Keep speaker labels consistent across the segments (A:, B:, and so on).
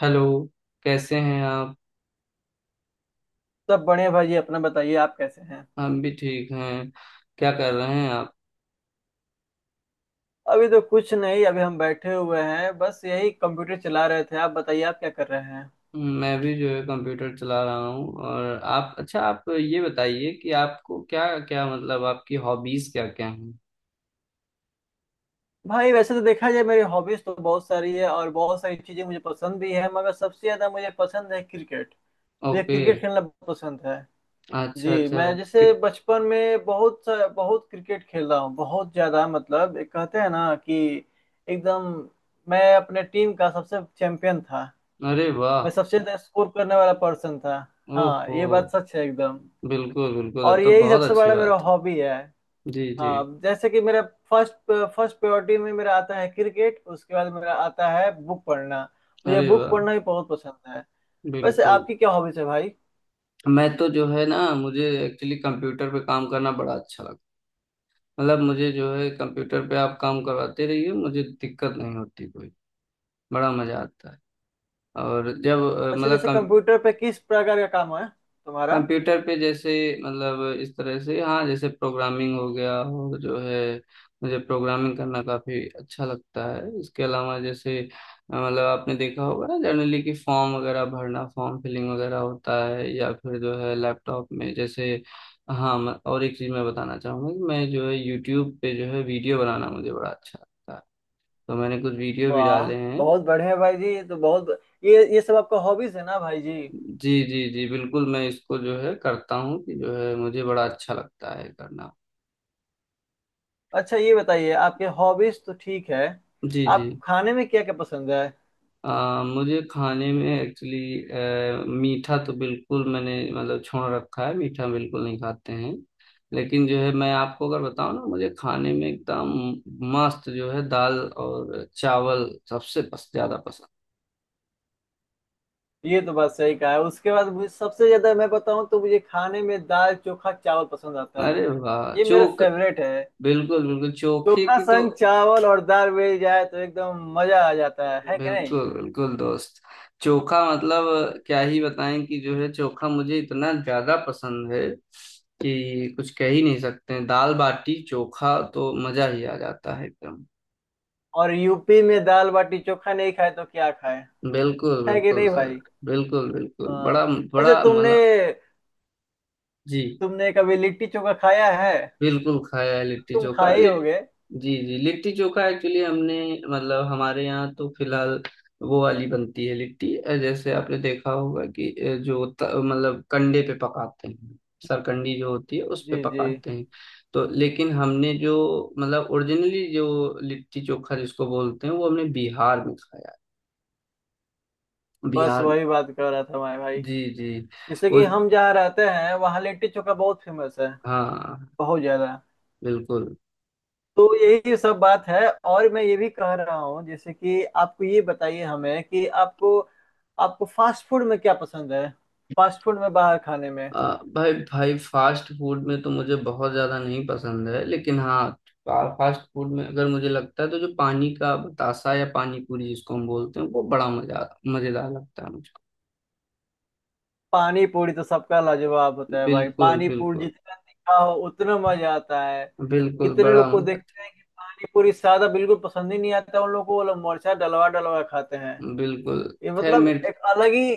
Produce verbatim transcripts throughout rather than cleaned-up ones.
A: Hello. कैसे हैं आप।
B: सब बढ़िया भाई जी। अपना बताइए, आप कैसे हैं?
A: हम भी ठीक हैं। क्या कर रहे हैं आप।
B: अभी तो कुछ नहीं, अभी हम बैठे हुए हैं, बस यही कंप्यूटर चला रहे थे। आप बताइए, आप क्या कर रहे हैं?
A: मैं भी जो है कंप्यूटर चला रहा हूँ। और आप? अच्छा, आप ये बताइए कि आपको क्या क्या, मतलब आपकी हॉबीज क्या क्या हैं।
B: भाई वैसे तो देखा जाए, मेरी हॉबीज तो बहुत सारी है और बहुत सारी चीजें मुझे पसंद भी है, मगर सबसे ज्यादा मुझे पसंद है क्रिकेट। मुझे
A: ओके।
B: क्रिकेट खेलना बहुत पसंद है।
A: अच्छा
B: जी,
A: अच्छा।
B: मैं
A: कि-
B: जैसे बचपन में बहुत सा- बहुत क्रिकेट खेला हूँ, बहुत ज्यादा। मतलब एक कहते हैं ना कि एकदम मैं अपने टीम का सबसे चैंपियन था।
A: अरे वाह।
B: मैं सबसे ज्यादा स्कोर करने वाला पर्सन था। हाँ,
A: ओहो।
B: ये बात सच है एकदम।
A: बिल्कुल बिल्कुल, तब
B: और
A: तो
B: यही
A: बहुत
B: सबसे
A: अच्छी
B: बड़ा मेरा
A: बात।
B: हॉबी है।
A: जी जी।
B: हाँ, जैसे कि मेरा फर्स्ट फर्स्ट प्रायोरिटी में मेरा आता है क्रिकेट। उसके बाद मेरा आता है बुक पढ़ना। मुझे
A: अरे
B: बुक
A: वाह।
B: पढ़ना भी बहुत पसंद है। वैसे
A: बिल्कुल।
B: आपकी क्या हॉबीज है भाई?
A: मैं तो जो है ना, मुझे एक्चुअली कंप्यूटर पे काम करना बड़ा अच्छा लगता है। मतलब मुझे जो है, कंप्यूटर पे आप काम करवाते रहिए, मुझे दिक्कत नहीं होती कोई। बड़ा मजा आता है। और जब अ,
B: अच्छा,
A: मतलब
B: जैसे
A: कम,
B: कंप्यूटर पे किस प्रकार का काम है तुम्हारा?
A: कंप्यूटर पे जैसे, मतलब इस तरह से, हाँ जैसे प्रोग्रामिंग हो गया और जो है, मुझे प्रोग्रामिंग करना काफी अच्छा लगता है। इसके अलावा जैसे अ, मतलब आपने देखा होगा ना, जनरली कि फॉर्म वगैरह भरना, फॉर्म फिलिंग वगैरह होता है। या फिर जो है लैपटॉप में जैसे, हाँ, मैं- और एक चीज मैं बताना चाहूंगा कि मैं जो है यूट्यूब पे जो है वीडियो बनाना मुझे बड़ा अच्छा लगता है। तो मैंने कुछ वीडियो भी
B: वाह,
A: डाले हैं।
B: बहुत बढ़िया भाई जी, ये तो बहुत। ये ये सब आपका हॉबीज है ना भाई जी?
A: जी जी जी बिल्कुल, मैं इसको जो है करता हूँ कि जो है मुझे बड़ा अच्छा लगता है करना।
B: अच्छा, ये बताइए, आपके हॉबीज तो ठीक है,
A: जी जी।
B: आपको खाने में क्या क्या पसंद है?
A: आ, मुझे खाने में एक्चुअली, मीठा तो बिल्कुल मैंने मतलब छोड़ रखा है, मीठा बिल्कुल नहीं खाते हैं। लेकिन जो है, मैं आपको अगर बताऊं ना, मुझे खाने में एकदम मस्त जो है, दाल और चावल सबसे पस, ज्यादा पसंद।
B: ये तो बात सही कहा है। उसके बाद मुझे सबसे ज्यादा, मैं बताऊं तो मुझे खाने में दाल चोखा चावल पसंद आता है।
A: अरे वाह!
B: ये मेरा
A: चोख
B: फेवरेट है।
A: बिल्कुल बिल्कुल, चोखे
B: चोखा
A: की तो।
B: संग चावल और दाल मिल जाए तो एकदम मजा आ जाता है है कि नहीं?
A: बिल्कुल बिल्कुल दोस्त। चोखा मतलब, क्या ही बताएं कि जो है चोखा मुझे इतना ज्यादा पसंद है कि कुछ कह ही नहीं सकते हैं। दाल बाटी चोखा तो मजा ही आ जाता है एकदम।
B: और यूपी में दाल बाटी चोखा नहीं खाए तो क्या खाए?
A: बिल्कुल
B: है कि
A: बिल्कुल
B: नहीं
A: सर।
B: भाई?
A: बिल्कुल बिल्कुल,
B: हाँ।
A: बड़ा
B: अच्छा,
A: बड़ा
B: तुमने
A: मजा। जी।
B: तुमने कभी लिट्टी चोखा खाया है?
A: बिल्कुल खाया है, लिट्टी
B: तुम
A: चोखा
B: खाए
A: लिट
B: होगे।
A: जी जी, लिट्टी चोखा एक्चुअली हमने, मतलब हमारे यहाँ तो फिलहाल वो वाली बनती है लिट्टी। अ, जैसे आपने देखा होगा कि अ, जो त- मतलब कंडे पे पकाते हैं। सरकंडी जो होती है उस पे
B: जी जी,
A: पकाते हैं। तो लेकिन हमने जो, मतलब ओरिजिनली जो लिट्टी चोखा जिसको बोलते हैं, वो हमने बिहार में खाया है।
B: बस
A: बिहार।
B: वही बात कर रहा था मैं भाई।
A: जी जी।
B: जैसे
A: वो
B: कि हम जहाँ रहते हैं, वहाँ लिट्टी चोखा बहुत फेमस है।
A: हाँ
B: बहुत ज्यादा।
A: बिल्कुल।
B: तो यही सब बात है। और मैं ये भी कह रहा हूँ, जैसे कि आपको ये बताइए हमें कि आपको, आपको फास्ट फूड में क्या पसंद है? फास्ट फूड में, बाहर खाने में।
A: आ, भाई भाई, फास्ट फूड में तो मुझे बहुत ज्यादा नहीं पसंद है, लेकिन हाँ, फा- फास्ट फूड में अगर मुझे लगता है तो जो पानी का बतासा या पानी पूरी जिसको हम बोलते हैं, वो बड़ा मजा मजेदार लगता है मुझको।
B: पानी पूरी तो सबका लाजवाब होता है भाई।
A: बिल्कुल
B: पानी पूरी
A: बिल्कुल।
B: जितना तीखा हो उतना मजा आता है।
A: बिल्कुल
B: कितने
A: बड़ा
B: लोग को
A: मजा आता
B: देखते हैं कि पानी पूरी सादा बिल्कुल पसंद ही नहीं आता उन लोगों को, वो लोग मिर्चा डलवा डलवा खाते हैं।
A: है। बिल्कुल।
B: ये
A: खैर
B: मतलब
A: मेरे,
B: एक अलग ही,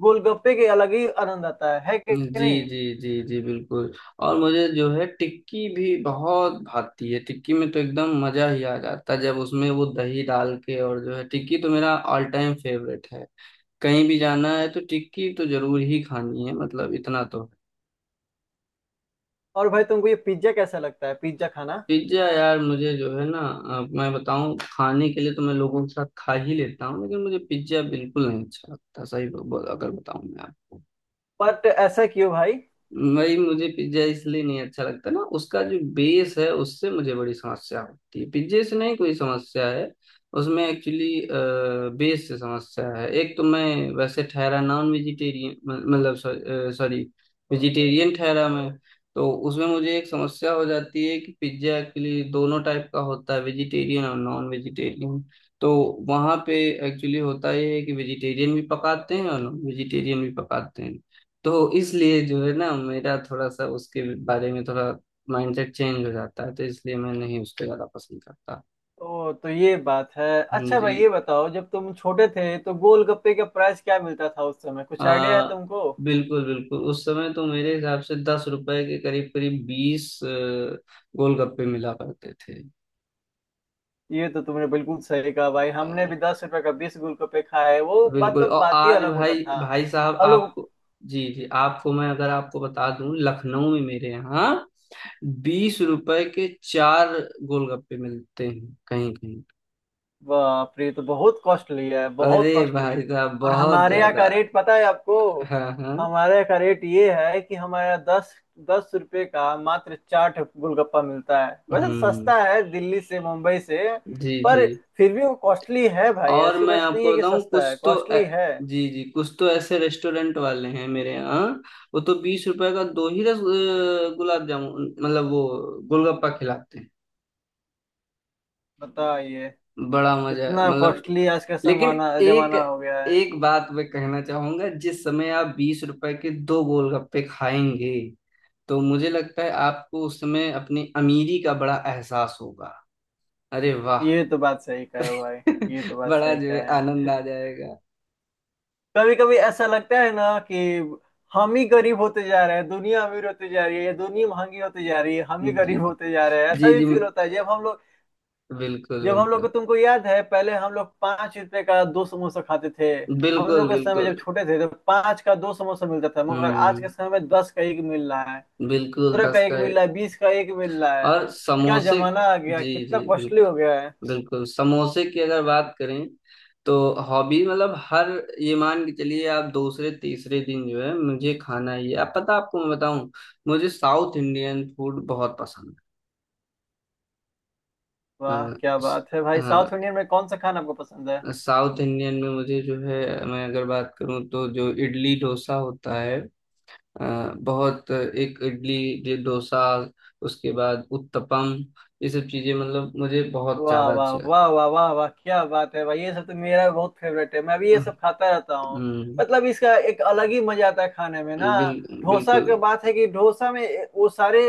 B: गोलगप्पे के अलग ही आनंद आता है है कि
A: जी
B: नहीं?
A: जी जी जी बिल्कुल। और मुझे जो है टिक्की भी बहुत भाती है। टिक्की में तो एकदम मजा ही आ जाता है जब उसमें वो दही डाल के, और जो है टिक्की तो मेरा ऑल टाइम फेवरेट है। कहीं भी जाना है तो टिक्की तो जरूर ही खानी है, मतलब इतना तो।
B: और भाई, तुमको ये पिज्जा कैसा लगता है, पिज्जा खाना?
A: पिज्जा यार, मुझे जो है ना, अब मैं बताऊं खाने के लिए तो मैं लोगों के साथ खा ही लेता हूँ, लेकिन मुझे पिज्जा बिल्कुल नहीं अच्छा लगता सही ब- ब- अगर बताऊं मैं आपको।
B: बट ऐसा क्यों भाई?
A: भाई, मुझे पिज्जा इसलिए नहीं अच्छा लगता ना, उसका जो बेस है उससे मुझे बड़ी समस्या होती है, पिज्जे से नहीं कोई समस्या है। उसमें एक्चुअली बेस से समस्या है। एक तो मैं वैसे ठहरा नॉन वेजिटेरियन, मतलब सॉरी, वेजिटेरियन ठहरा मैं। तो उसमें मुझे एक समस्या हो जाती है कि पिज्जा एक्चुअली दोनों टाइप का होता है, वेजिटेरियन और नॉन वेजिटेरियन। तो वहां पे एक्चुअली होता ये है कि वेजिटेरियन भी पकाते हैं और नॉन वेजिटेरियन भी पकाते हैं। तो इसलिए जो है ना मेरा थोड़ा सा उसके बारे में थोड़ा माइंडसेट चेंज हो जाता है, तो इसलिए मैं नहीं उसको ज्यादा पसंद करता।
B: तो तो ये बात है।
A: हम्म,
B: अच्छा भाई,
A: जी।
B: ये बताओ, जब तुम छोटे थे तो गोलगप्पे का प्राइस क्या मिलता था उस समय? कुछ आइडिया है
A: आ,
B: तुमको?
A: बिल्कुल बिल्कुल, उस समय तो मेरे हिसाब से दस रुपए के करीब करीब बीस अ, गोलगप्पे मिला करते थे।
B: ये तो तुमने बिल्कुल सही कहा भाई, हमने
A: अ,
B: भी दस रुपए का बीस गोलगप्पे खाए। वो
A: बिल्कुल।
B: मतलब
A: और
B: बात ही
A: आज
B: अलग होता
A: भाई
B: था
A: भाई साहब
B: हम लोग।
A: आपको, जी जी, आपको मैं अगर आपको बता दूं, लखनऊ में मेरे यहाँ बीस रुपए के चार गोलगप्पे मिलते हैं कहीं कहीं।
B: बाप रे, ये तो बहुत कॉस्टली है,
A: अरे
B: बहुत कॉस्टली।
A: भाई साहब,
B: और
A: बहुत
B: हमारे यहाँ
A: ज्यादा।
B: का रेट पता है आपको?
A: हाँ हाँ।
B: हमारे यहाँ का रेट ये है कि हमारे यहाँ दस दस रुपये का मात्र चाट गोलगप्पा मिलता है। वैसे
A: हम्म।
B: सस्ता है दिल्ली से, मुंबई से।
A: जी जी।
B: पर फिर भी वो कॉस्टली है भाई,
A: और
B: ऐसी
A: मैं
B: बात नहीं है
A: आपको
B: कि
A: बताऊं,
B: सस्ता है,
A: कुछ तो ए,
B: कॉस्टली है।
A: जी जी, कुछ तो ऐसे रेस्टोरेंट वाले हैं मेरे यहाँ। वो तो बीस रुपए का दो ही रस अ, गुलाब जामुन, मतलब वो गोलगप्पा खिलाते हैं।
B: बताइए,
A: बड़ा मजा,
B: कितना
A: मतलब।
B: कॉस्टली आज का
A: लेकिन
B: जमाना
A: एक
B: जमाना हो गया है।
A: एक बात मैं कहना चाहूंगा, जिस समय आप बीस रुपए के दो गोलगप्पे खाएंगे, तो मुझे लगता है आपको उस समय अपनी अमीरी का बड़ा एहसास होगा। अरे वाह!
B: ये तो बात सही कहे हो भाई, ये तो बात
A: बड़ा
B: सही
A: जो है आनंद
B: कहे।
A: आ जाएगा।
B: कभी कभी ऐसा लगता है ना कि हम ही गरीब होते जा रहे हैं, दुनिया अमीर होती जा रही है, या दुनिया महंगी होती जा रही है, हम ही
A: जी
B: गरीब होते जा रहे हैं। ऐसा
A: जी
B: भी
A: जी
B: फील होता है जब हम लोग,
A: बिल्कुल
B: जब हम लोग को।
A: बिल्कुल।
B: तुमको याद है, पहले हम लोग पांच रुपए का दो समोसा खाते थे। हम
A: बिल्कुल
B: लोग के समय जब
A: बिल्कुल।
B: छोटे थे, तो पांच का दो समोसा मिलता था, मगर आज
A: हम्म।
B: के समय में दस का एक मिल रहा है,
A: बिल्कुल
B: पंद्रह का
A: दस
B: एक
A: का है।
B: मिल रहा है, बीस का एक मिल रहा है।
A: और
B: क्या
A: समोसे,
B: जमाना आ गया,
A: जी
B: कितना
A: जी
B: कॉस्टली हो
A: बिल्कुल।
B: गया है।
A: बिल्कुल, समोसे की अगर बात करें तो, हॉबी मतलब हर, ये मान के चलिए आप दूसरे तीसरे दिन जो है मुझे खाना ही है। आप पता आपको मैं बताऊं, मुझे साउथ इंडियन फूड बहुत पसंद है।
B: वाह क्या
A: अ, स-
B: बात है भाई, साउथ
A: हाँ,
B: इंडियन में कौन सा खाना आपको पसंद है?
A: साउथ इंडियन में मुझे जो है, मैं अगर बात करूं तो जो इडली डोसा होता है, अ, बहुत एक इडली, ये डोसा, उसके बाद उत्तपम, ये सब चीजें मतलब मुझे बहुत
B: वाह
A: ज्यादा
B: वाह
A: अच्छी लगती
B: वाह वाह वाह वाह, क्या बात है भाई, ये सब तो मेरा बहुत फेवरेट है, मैं भी ये
A: हैं।
B: सब खाता रहता हूँ।
A: हम्म।
B: मतलब इसका एक अलग ही मजा आता है खाने में ना।
A: बिल,
B: डोसा
A: बिल्कुल
B: की बात है कि डोसा में वो सारे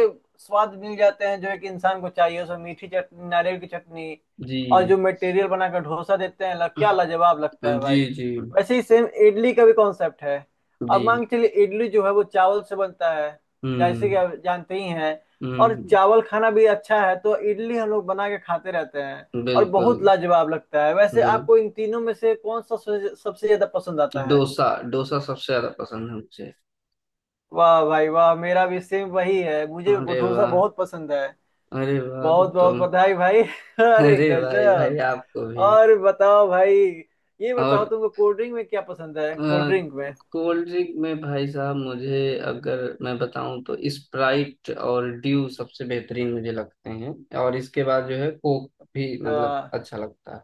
B: स्वाद मिल जाते हैं जो एक इंसान को चाहिए। उसमें मीठी चटनी, नारियल की चटनी,
A: जी
B: और जो मटेरियल बनाकर डोसा देते हैं, लग, क्या लाजवाब लगता है
A: जी
B: भाई।
A: जी
B: वैसे ही सेम इडली का भी कॉन्सेप्ट है। अब
A: जी।
B: मान के चलिए, इडली जो है वो चावल से बनता है, जैसे कि
A: हम्म
B: आप जानते ही हैं। और
A: हम्म।
B: चावल खाना भी अच्छा है, तो इडली हम लोग बना के खाते रहते हैं। और
A: बिल्कुल
B: बहुत लाजवाब लगता है। वैसे
A: बिल्कुल।
B: आपको इन तीनों में से कौन सा सबसे सबसे ज्यादा पसंद आता है?
A: डोसा। डोसा सबसे ज्यादा पसंद है मुझे।
B: वाह भाई वाह, मेरा भी सेम वही है, मुझे
A: अरे
B: डोसा
A: वाह!
B: बहुत पसंद है।
A: अरे वाह, तब
B: बहुत
A: तो।
B: बहुत बधाई भाई। अरे
A: अरे भाई भाई,
B: गजब।
A: आपको भी।
B: और बताओ भाई, ये बताओ
A: और
B: तुमको कोल्ड ड्रिंक में क्या पसंद है? कोल्ड ड्रिंक
A: कोल्ड ड्रिंक में भाई साहब मुझे, अगर मैं बताऊं तो स्प्राइट और ड्यू सबसे बेहतरीन मुझे लगते हैं। और इसके बाद जो है कोक भी मतलब
B: में
A: अच्छा लगता है।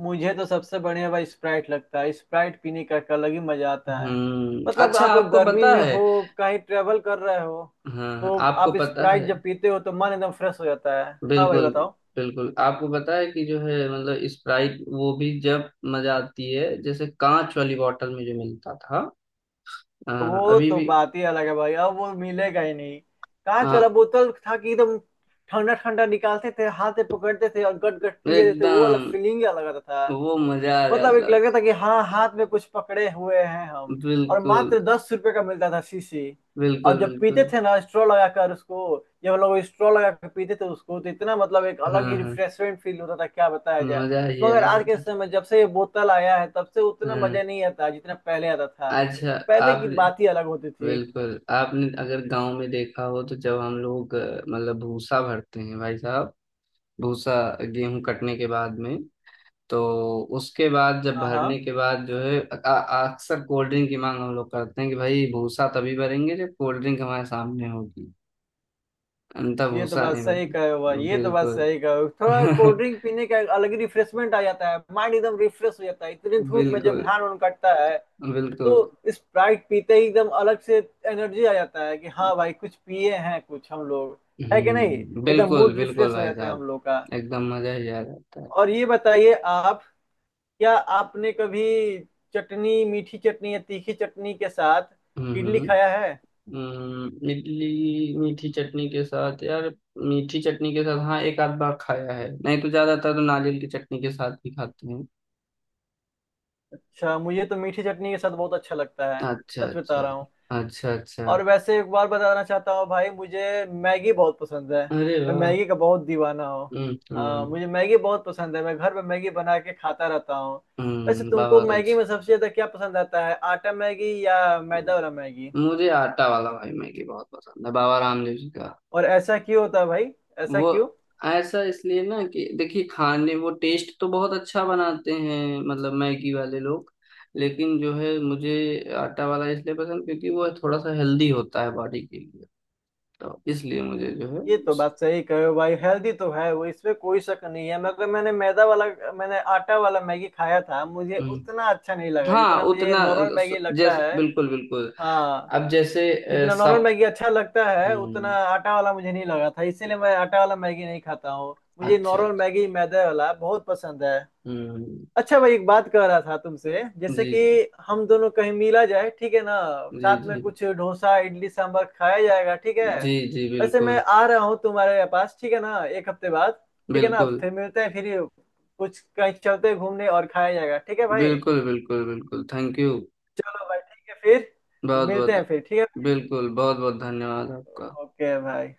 B: मुझे तो सबसे बढ़िया भाई स्प्राइट लगता है। स्प्राइट पीने का एक अलग ही मजा आता है।
A: हम्म।
B: मतलब
A: अच्छा,
B: आप
A: आपको
B: गर्मी
A: पता
B: में
A: है,
B: हो, कहीं ट्रेवल कर रहे हो,
A: हाँ
B: तो
A: आपको
B: आप
A: पता
B: स्प्राइट
A: है,
B: जब पीते हो तो मन एकदम फ्रेश हो जाता है। हाँ भाई,
A: बिल्कुल
B: बताओ।
A: बिल्कुल, आपको पता है कि जो है मतलब स्प्राइट, वो भी जब मजा आती है, जैसे कांच वाली बॉटल में जो मिलता था। हाँ,
B: वो
A: अभी
B: तो
A: भी।
B: बात ही अलग है भाई, अब वो मिलेगा ही नहीं। कांच वाला
A: हाँ,
B: बोतल था कि एकदम ठंडा ठंडा निकालते थे, हाथ से पकड़ते थे और गट गट पिए थे, वो वाला
A: एकदम।
B: फीलिंग अलग आता था।
A: वो मजा आ
B: मतलब एक
A: जाता
B: लग
A: था।
B: रहा था कि हाँ, हाथ में कुछ पकड़े हुए हैं हम। और
A: बिल्कुल
B: मात्र दस रुपए का मिलता था शीशी।
A: बिल्कुल
B: और जब पीते
A: बिल्कुल।
B: थे ना स्ट्रॉ लगाकर उसको, जब हम लोग स्ट्रॉ लगा के पीते थे उसको, तो इतना, मतलब एक
A: हाँ
B: अलग ही
A: हाँ।
B: रिफ्रेशमेंट फील होता था, क्या बताया जाए।
A: मजा ही आ
B: मगर आज के
A: जाता था।
B: समय, जब से ये बोतल आया है, तब से उतना
A: हाँ।
B: मजा नहीं आता जितना पहले आता था।
A: अच्छा,
B: पहले की
A: आपने,
B: बात ही अलग होती थी।
A: बिल्कुल आपने अगर गांव में देखा हो, तो जब हम लोग अ, मतलब भूसा भरते हैं भाई साहब, भूसा गेहूं कटने के बाद में, तो उसके बाद जब
B: हाँ हाँ,
A: भरने के बाद जो है अ- अ- अक्सर कोल्ड ड्रिंक की मांग हम लोग करते हैं, कि भाई भूसा तभी भरेंगे जब कोल्ड ड्रिंक हमारे सामने होगी। अंतः
B: ये तो
A: भूसा
B: बात
A: नहीं
B: सही कहे हुआ,
A: भरेंगे
B: ये तो बात
A: बिल्कुल।
B: सही कहे हुआ। थोड़ा कोल्ड ड्रिंक पीने का एक अलग ही रिफ्रेशमेंट आ जाता है, माइंड एकदम रिफ्रेश हो जाता है, इतनी धूप में जब
A: बिल्कुल
B: धान उन कटता है। तो
A: बिल्कुल।
B: स्प्राइट पीते ही एकदम अलग से एनर्जी आ जाता है कि हाँ भाई, कुछ पिए हैं कुछ हम लोग। है कि नहीं,
A: हम्म,
B: एकदम
A: बिल्कुल
B: मूड
A: बिल्कुल
B: रिफ्रेश हो
A: भाई
B: जाता है हम
A: साहब।
B: लोग का।
A: एकदम मजा ही आ जाता है।
B: और ये बताइए आप, क्या आपने कभी चटनी, मीठी चटनी या तीखी चटनी के साथ इडली
A: हम्म।
B: खाया है?
A: हम्म, इडली मीठी चटनी के साथ यार, मीठी चटनी के साथ हाँ, एक आध बार खाया है, नहीं तो ज्यादातर तो नारियल की चटनी के साथ ही खाते हैं।
B: अच्छा, मुझे तो मीठी चटनी के साथ बहुत अच्छा लगता है,
A: अच्छा
B: सच बता
A: अच्छा।
B: रहा हूँ।
A: अच्छा अच्छा।
B: और वैसे एक बार बताना चाहता हूँ भाई, मुझे मैगी बहुत पसंद है।
A: अरे
B: मैं
A: वाह!
B: मैगी का बहुत दीवाना हूँ।
A: हम्म
B: हाँ,
A: हम्म।
B: मुझे मैगी बहुत पसंद है, मैं घर में मैगी बना के खाता रहता हूँ। वैसे
A: हम्म,
B: तुमको
A: बहुत
B: मैगी
A: अच्छा।
B: में सबसे ज्यादा क्या पसंद आता है, आटा मैगी या मैदा वाला मैगी?
A: मुझे आटा वाला भाई मैगी बहुत पसंद है, बाबा रामदेव जी का।
B: और ऐसा क्यों होता है भाई, ऐसा
A: वो
B: क्यों?
A: ऐसा इसलिए ना कि देखिए, खाने वो टेस्ट तो बहुत अच्छा बनाते हैं मतलब मैगी वाले लोग। लेकिन जो है मुझे आटा वाला इसलिए पसंद, क्योंकि वो थोड़ा सा हेल्दी होता है बॉडी के लिए। तो इसलिए मुझे जो है
B: ये तो
A: उस,
B: बात सही कहे हो भाई, हेल्दी तो है वो, इसमें कोई शक नहीं है, मगर मैंने मैदा वाला, मैंने आटा वाला मैगी खाया था, मुझे उतना
A: हम्म,
B: अच्छा नहीं लगा
A: हाँ
B: जितना मुझे
A: उतना
B: नॉर्मल
A: अ,
B: मैगी
A: स-
B: लगता
A: जैसे
B: है।
A: बिल्कुल बिल्कुल।
B: हाँ,
A: अब जैसे, अ,
B: जितना नॉर्मल
A: सब।
B: मैगी अच्छा लगता है उतना
A: हम्म।
B: आटा वाला मुझे नहीं लगा था, इसीलिए मैं आटा वाला मैगी नहीं खाता हूँ, मुझे
A: अच्छा अच्छा,
B: नॉर्मल मैगी मैदे वाला बहुत पसंद है।
A: हम्म।
B: अच्छा भाई, एक बात कह रहा था तुमसे, जैसे
A: जी
B: कि
A: जी
B: हम दोनों कहीं मिला जाए, ठीक है ना?
A: जी
B: साथ में
A: जी
B: कुछ डोसा इडली सांभर खाया जाएगा, ठीक है?
A: जी जी।
B: वैसे मैं
A: बिल्कुल
B: आ रहा हूँ तुम्हारे पास, ठीक है ना, एक हफ्ते बाद। ठीक है ना,
A: बिल्कुल
B: फिर मिलते हैं फिर। कुछ कहीं चलते हैं घूमने और खाया जाएगा, ठीक है भाई?
A: बिल्कुल बिल्कुल बिल्कुल, थैंक यू।
B: चलो भाई, ठीक है फिर,
A: बहुत
B: मिलते
A: बहुत।
B: हैं फिर, ठीक है?
A: बिल्कुल, बहुत बहुत धन्यवाद आपका।
B: ओके भाई।